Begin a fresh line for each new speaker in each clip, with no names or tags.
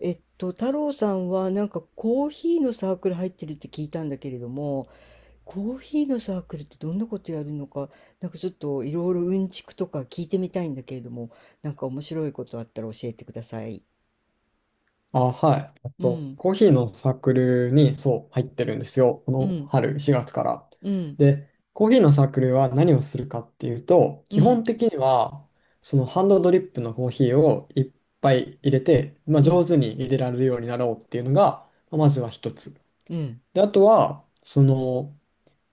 太郎さんはなんかコーヒーのサークル入ってるって聞いたんだけれども、コーヒーのサークルってどんなことやるのか、なんかちょっといろいろうんちくとか聞いてみたいんだけれども、なんか面白いことあったら教えてください。
あ、はい。
うん、
コーヒーのサークルに、そう、入ってるんですよ。こ
う
の
ん、
春、4月から。
うん、
で、コーヒーのサークルは何をするかっていうと、
う
基本
ん、
的には、そのハンドドリップのコーヒーをいっぱい入れて、まあ、
う
上
ん、
手に入れられるようになろうっていうのが、まあまずは一つ。
うん、
で、あとは、その、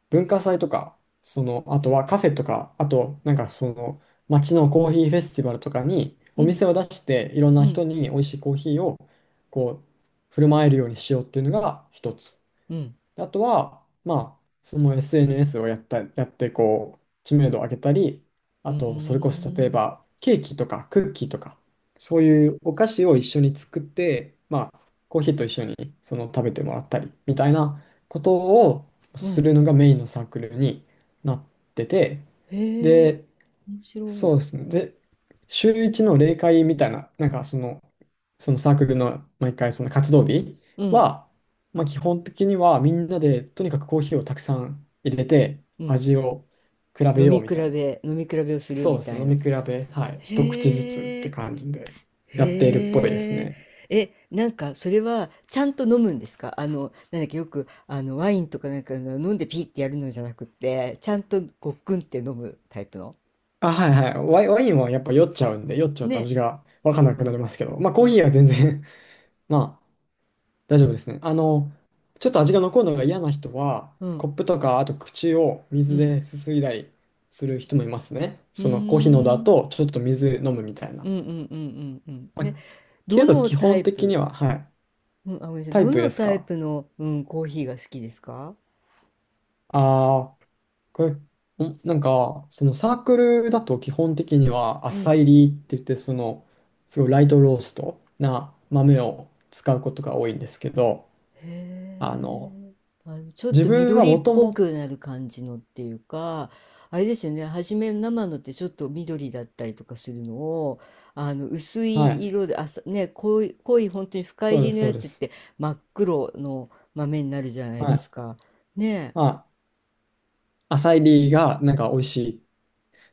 文化祭とか、その、あとはカフェとか、あと、なんかその、街のコーヒーフェスティバルとかに、
う
お
ん、
店を出して、いろん
う
な人
ん、
に美味しいコーヒーを、こう、振る舞えるようにしようっていうのが一つ。
うん、
あとは、まあ、その SNS をやって、こう、知名度を上げたり、
う
あ
ー
と、それこそ例え
ん、
ば、ケーキとかクッキーとか、そういうお菓子を一緒に作って、まあ、コーヒーと一緒にその食べてもらったり、みたいなことを
う
する
ん。
のがメインのサークルになってて、
へえ、
で、
面白い。
そうですね。で、週一の例会みたいな、なんかその、そのサークルの毎回その活動日
うん、
は、まあ、基本的にはみんなでとにかくコーヒーをたくさん入れて
うん。
味を比べ
飲み
よう
比
みたいな。
べ、飲み比べをする
そう
み
です
た
ね。
い
飲
な。
み比べ、はい。一口ずつっ
へ
て
え。
感じでやっているっぽいです
へえ。
ね。
え、なんかそれはちゃんと飲むんですか？なんだっけ、よくワインとかなんかの飲んでピーってやるのじゃなくって、ちゃんとごっくんって飲むタイプの？
あ、はいはい。ワインはやっぱ酔っちゃうんで、酔っちゃうと
ね。
味がわ
う
かん
ん
な
う
くなり
ん
ますけど、まあコ
う
ー
ん
ヒーは全然 ま大丈夫ですね。あの、ちょっと味が残るのが嫌な人は、
うん
コップとか、あと口を
う
水
ん。
ですすいだりする人もいますね。
う
そのコーヒーのだ
ーん。
と、ちょっと水飲むみたいな。
うんうんうんうんうん。
まあ、
え、ど
けど、
の
基
タ
本
イ
的に
プ、
は、はい。
うん、あ、ごめんなさい。
タイ
ど
プ
の
です
タイ
か？
プの、うん、コーヒーが好きですか？
ああー、これ、んなんか、そのサークルだと基本的には、
う
浅
ん。
煎りって言って、その、すごいライトローストな豆を使うことが多いんですけど、
へ
あの、
え、ちょっ
自
と
分は
緑っ
もと
ぽ
もと、
くなる感じのっていうか、あれですよね、初めの生のってちょっと緑だったりとかするのを、薄
は
い
い、
色で、あ、さね、濃い、濃い本当に深
そ
入
うで
り
す、
の
そ
や
うで
つっ
す。
て真っ黒の豆になるじゃない
は
です
い。
か。ねえ。
まあ、浅いリーがなんか美味しい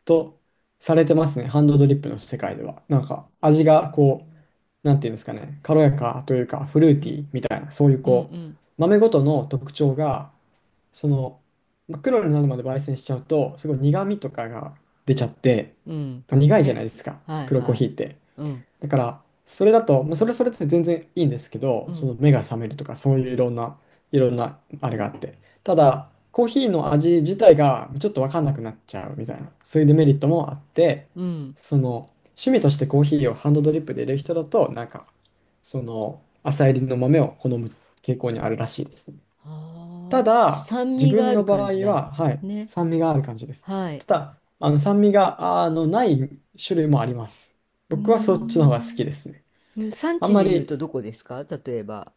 とされてますね、ハンドドリップの世界では。なんか
うー
味がこ
ん、
う、なんていうんですかね、軽やかというか、フルー
う
ティー
ん、
みたいな、そういう
うん、
こ
う
う、
ん、
豆ごとの特徴が、その、まあ黒になるまで焙煎しちゃうと、すごい苦味とかが出ちゃって、
うん、
まあ
そうです
苦いじゃな
ね。
いですか、
はい
黒いコー
は
ヒ
い。
ーって。
うん、
だから、それだと、まあそれはそれって全然いいんですけど、
う
そ
ん、
の目が覚めるとか、そういういろんな、いろんなあれがあって。た
は
だ、
い。
コーヒーの味自体がちょっとわかんなくなっちゃうみたいな、そういうデメリットもあって、
うん。
その、趣味としてコーヒーをハンドドリップで入れる人だと、なんか、その、朝入りの豆を好む傾向にあるらしいですね。
あ
た
あ、ちょっと
だ、
酸
自
味が
分
ある
の場
感
合
じだ。
は、はい、
ね。
酸味がある感じです。
はい。
ただ、あの酸味があのない種類もあります。
うー
僕はそっちの方が好
ん。
きですね。
うん。産
あん
地
ま
で言う
り、
とどこですか、例えば？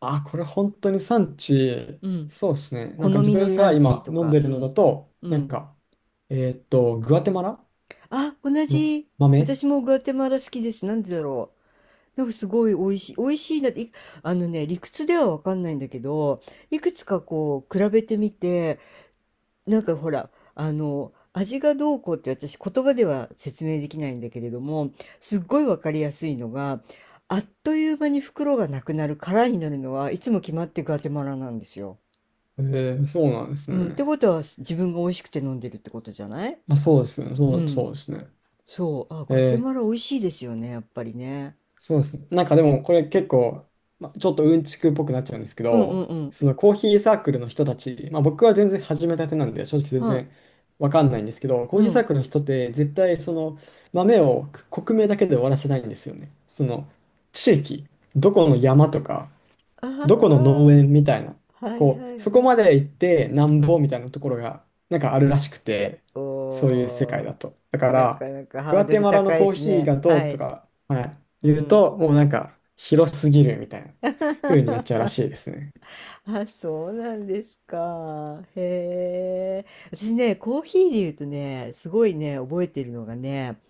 あ、これ本当に産地、
うん。
そうですね。
好
なんか自
みの
分が
産地
今
と
飲ん
か。
でる
う
の
ん。
だと、
う
なん
ん。
か、グアテマラ
あ、同
の
じ。
豆。
私もグアテマラ好きです。なんでだろう。なんかすごい美味しい。美味しいなって、あのね、理屈ではわかんないんだけど、いくつかこう、比べてみて、なんかほら、味がどうこうって私言葉では説明できないんだけれども、すっごいわかりやすいのが、あっという間に袋がなくなる空になるのはいつも決まってガテマラなんですよ。
えそうなんです
うん。って
ね。
ことは自分が美味しくて飲んでるってことじゃない？
まあ、そうですね。そ
う
う、
ん。
そうですね。
そう。あ、ガテ
え
マラ
ー
美味しいですよね、やっぱりね。
そうですね。なんかでもこれ結構、ま、ちょっとうんちくっぽくなっちゃうんですけ
うんう
ど、
んうん。
そのコーヒーサークルの人たち、まあ、僕は全然始めたてなんで正直全
は
然わかんないんですけど、
い。
コー
う
ヒーサー
ん。
クルの人って絶対その豆をく国名だけで終わらせないんですよね。その地域、どこの山とか、
あ
どこの
あ、
農園みたいな、
はい
こ
はい
う、そこ
はい。
まで行ってなん
う
ぼ
ん、
みたいなところが、なんかあるらしくて、そういう世
お
界
ー、
だと。だか
なか
ら、
なかハ
グ
ー
ア
ド
テ
ル
マラの
高いで
コー
す
ヒー
ね。
がど
は
うと
い。
か、はい、
う
言う
ん。
と、もうなんか、広すぎるみたいな風になっちゃうらしいですね。
あ、そうなんですか。へえ。私ね、コーヒーで言うとね、すごいね、覚えてるのがね、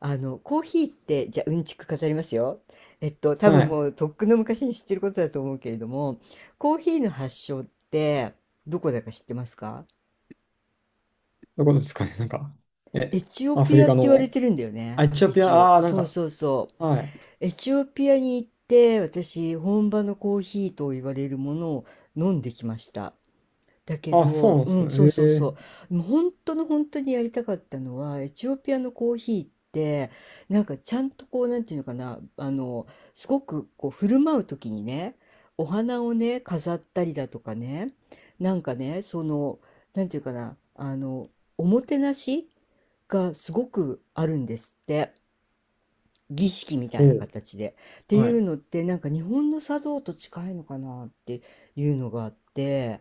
コーヒーって、じゃあ、うんちく語りますよ。多
は
分
い。
もう、とっくの昔に知ってることだと思うけれども、コーヒーの発祥って、どこだか知ってますか？
どこですかね、なんか、
エ
え、
チオ
アフ
ピ
リ
アっ
カ
て言われ
の、
てるんだよ
あ、
ね。
エチオピア、
一応。
ああー、なん
そう
か、
そうそう。
はい。
エチオピアに行って、私、本場のコーヒーと言われるものを飲んできました。だけ
あ、そう
ど、
なんで
う
す
ん、そ
ね。
う
へ
そう
え、
そう。もう本当の本当にやりたかったのは、エチオピアのコーヒーって、なんかちゃんとこう、なんていうのかな、すごくこう、振る舞う時にね、お花をね、飾ったりだとかね、なんかね、その、なんていうかな、おもてなしがすごくあるんですって。儀式みた
ほ
いな
う、
形で。ってい
はい。
うのって、なんか日本の茶道と近いのかなっていうのがあって、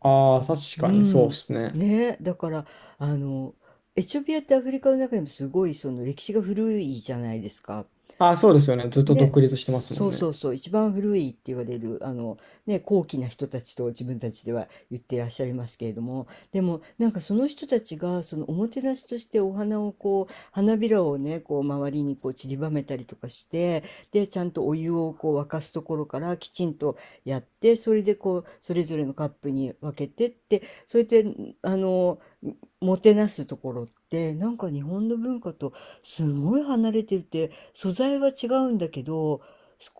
ああ、確
う
かにそうで
ん。
すね。
ね、だから、あの、エチオピアってアフリカの中でもすごいその歴史が古いじゃないですか。
ああ、そうですよね。ずっと
ね、
独立してますも
そ
ん
うそう
ね。
そう、一番古いって言われる、ね、高貴な人たちと自分たちでは言ってらっしゃいますけれども、でも、なんかその人たちが、そのおもてなしとしてお花をこう、花びらをね、こう、周りにこう散りばめたりとかして、で、ちゃんとお湯をこう沸かすところからきちんとやって、それでこう、それぞれのカップに分けてって、それで、あの、もてなすところって、なんか日本の文化とすごい離れてるって、素材は違うんだけど、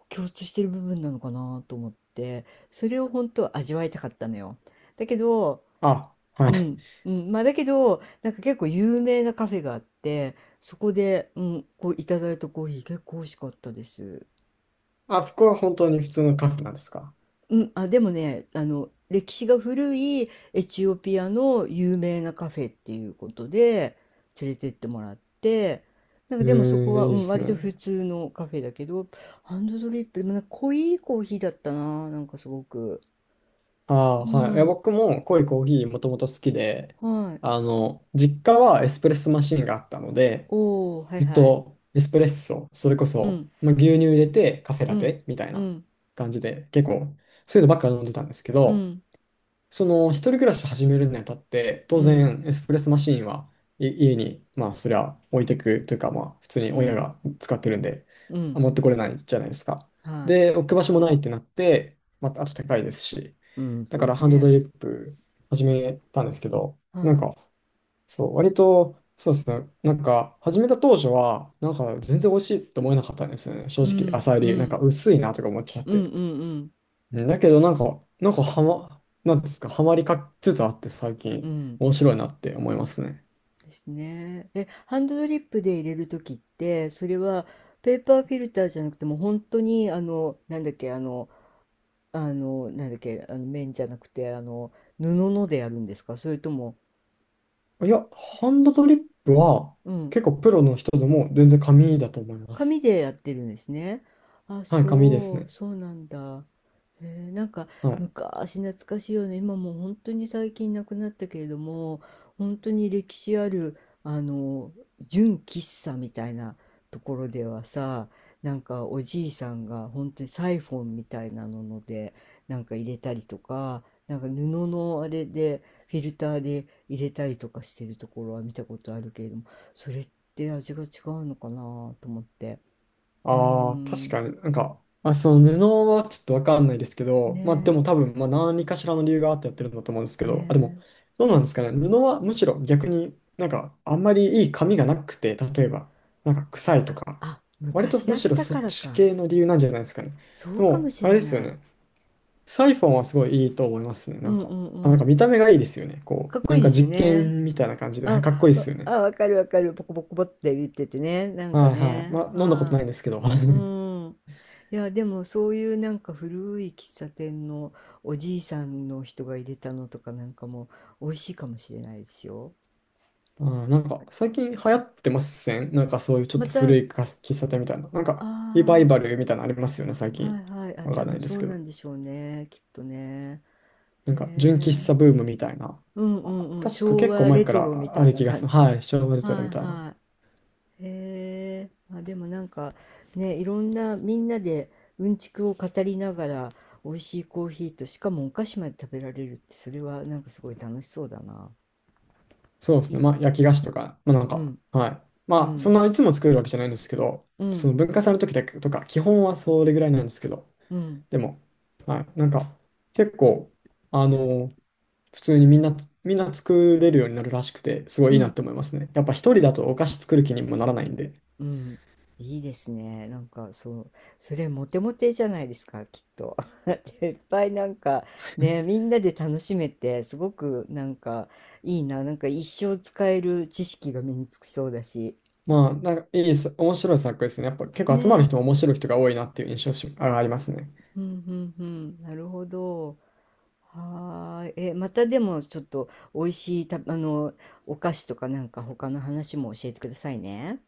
共通してる部分なのかなと思って、それを本当は味わいたかったのよ。だけど、
あ、は
うん、
い。
うん、まあだけど、なんか結構有名なカフェがあって、そこで、うん、こういただいたコーヒー結構美味しかったです。
あそこは本当に普通のカフェなんですか？
うん。あ、でもね、歴史が古いエチオピアの有名なカフェっていうことで連れてってもらって、なん
え
かでもそこ
ー、
は、
いい
う
で
ん、
す
割と普
ね。
通のカフェだけど、ハンドドリップ、でもなんか濃いコーヒーだったな、なんかすごく。
ああ、
う
はい。いや、
ん、
僕も濃いコーヒーもともと好きで、
はい。
あの、実家はエスプレッソマシンがあったので、
おー、はい
ずっ
はい。
とエスプレッソ、それこ
う
そ、
ん、
まあ、牛乳入れてカフェ
う
ラ
ん、
テみたい
う
な
ん、
感じで、結構、そういうのばっか飲んでたんですけ
う
ど、
ん、
その一人暮らしを始めるにあたって当
うん、
然エスプレッソマシーンはい家に、まあそりゃ置いてくというか、まあ普通に
う
親
ん、
が使ってるんで、
う
あ
ん、
持ってこれないじゃないですか。
は
で、
い。
置く場所もないってなって、またあと高いですし、
うん、
だ
そう
か
で
ら
す
ハンドド
ね。
リップ始めたんですけど、
は
なんかそう、割とそうですね、なんか始めた当初はなんか全然美味しいと思えなかったんですよね、正
い。う
直。
ん、
浅煎
う
りなんか
ん、
薄いなとか思っちゃっ
うん、
て
うん、うん、
ね。だけどなんか、なんかなんですか、はまりかつつあって、最
う
近
ん。
面白いなって思いますね。
ですね。え、ハンドドリップで入れるときって、それはペーパーフィルターじゃなくてもう本当になんだっけ、なんだっけ、綿じゃなくて、布のでやるんですか、それとも？
いや、ハンドドリップは
うん、
結構プロの人でも全然紙だと思いま
紙
す。
でやってるんですね。あ、
はい、紙です
そう、
ね。
そうなんだ。へえ、なんか
はい。
昔懐かしいよね。今もう本当に最近なくなったけれども、本当に歴史ある、あの、純喫茶みたいなところではさ、なんかおじいさんが本当にサイフォンみたいなので、なんか入れたりとか、なんか布のあれでフィルターで入れたりとかしてるところは見たことあるけれども、それっって味が違うのかなと思って。うー
ああ、確
ん。
かになんか、まあ、その布はちょっとわかんないですけど、
ね
まあでも多分、まあ何かしらの理由があってやってるんだと思うんです
え、
けど、あ、でも、
ね
どうなんですかね。布はむしろ逆になんかあんまりいい髪がなくて、例えば、なんか
え。む
臭いと
か、
か、
あ、
割と
昔だ
む
っ
しろ
た
そ
か
っ
ら
ち
か。
系の理由なんじゃないですかね。
そ
で
うかも
も、
し
あれ
れ
ですよ
ない。
ね。サイフォンはすごいいいと思いますね。
う
なん
ん
か、
うんう
あ、なんか
ん。
見た目がいいですよね。こ
かっ
う、
こ
な
い
ん
いで
か
すよ
実
ね。
験みたいな感じで、はい、
あ、
かっこいいで
わ
すよ
あ、
ね。
わかるわかる。ポコポコポって言っててね。なんか
はいはい。
ね。
まあ飲んだこと
は
ないんですけど。
い。う ん。いや、でもそういうなんか古い喫茶店のおじいさんの人が入れたのとかなんかも美味しいかもしれないですよ。
あー、なんか最近流行ってません？なんかそういうちょっ
ま
と
た、あ
古いか喫茶店みたいな。なんかリバイ
あ、
バルみたいなのありますよね、最
は
近。
いはい。あ、
わ
多
かんな
分
いで
そ
す
う
けど。
なんでしょうね。きっとね。
な
へ
んか純喫茶
え。
ブームみたいな。
うんう
あ、
んうん。
確か
昭
結構
和
前
レ
か
トロみ
らあ
たい
る
な
気がす
感
る。
じ。
はい、昭和レトロ
はい
みたいな。
はい。へえ。まあ、でもなんかね、いろんなみんなでうんちくを語りながら美味しいコーヒーとしかもお菓子まで食べられるってそれはなんかすごい楽しそうだな。
そうで
い
すね。
い。
まあ焼き菓子とか、まあなん
う
か、
ん
はい。
う
まあそん
ん
ないつも作るわけじゃないんですけど、
う
そ
ん
の文化祭の時だけとか、基本はそれぐらいなんですけど、
うん
でも、はい。なんか結構、あの普通にみんな作れるようになるらしくて、すごい
う
いいなっ
ん。
て思いますね。やっぱ一人だとお菓子作る気にもならないんで。
うん。いいですね。なんか、そう、それモテモテじゃないですか、きっと。でいっぱいなんか、ね、みんなで楽しめて、すごくなんか、いいな。なんか一生使える知識が身につきそうだし。
まあ、なんかいいさ、面白い作品ですね。やっぱ結構集まる
ね。
人も面白い人が多いなっていう印象しあありますね。
うんうんうん。なるほど。はーい。え、またでもちょっと美味しいた、あの、お菓子とかなんか他の話も教えてくださいね。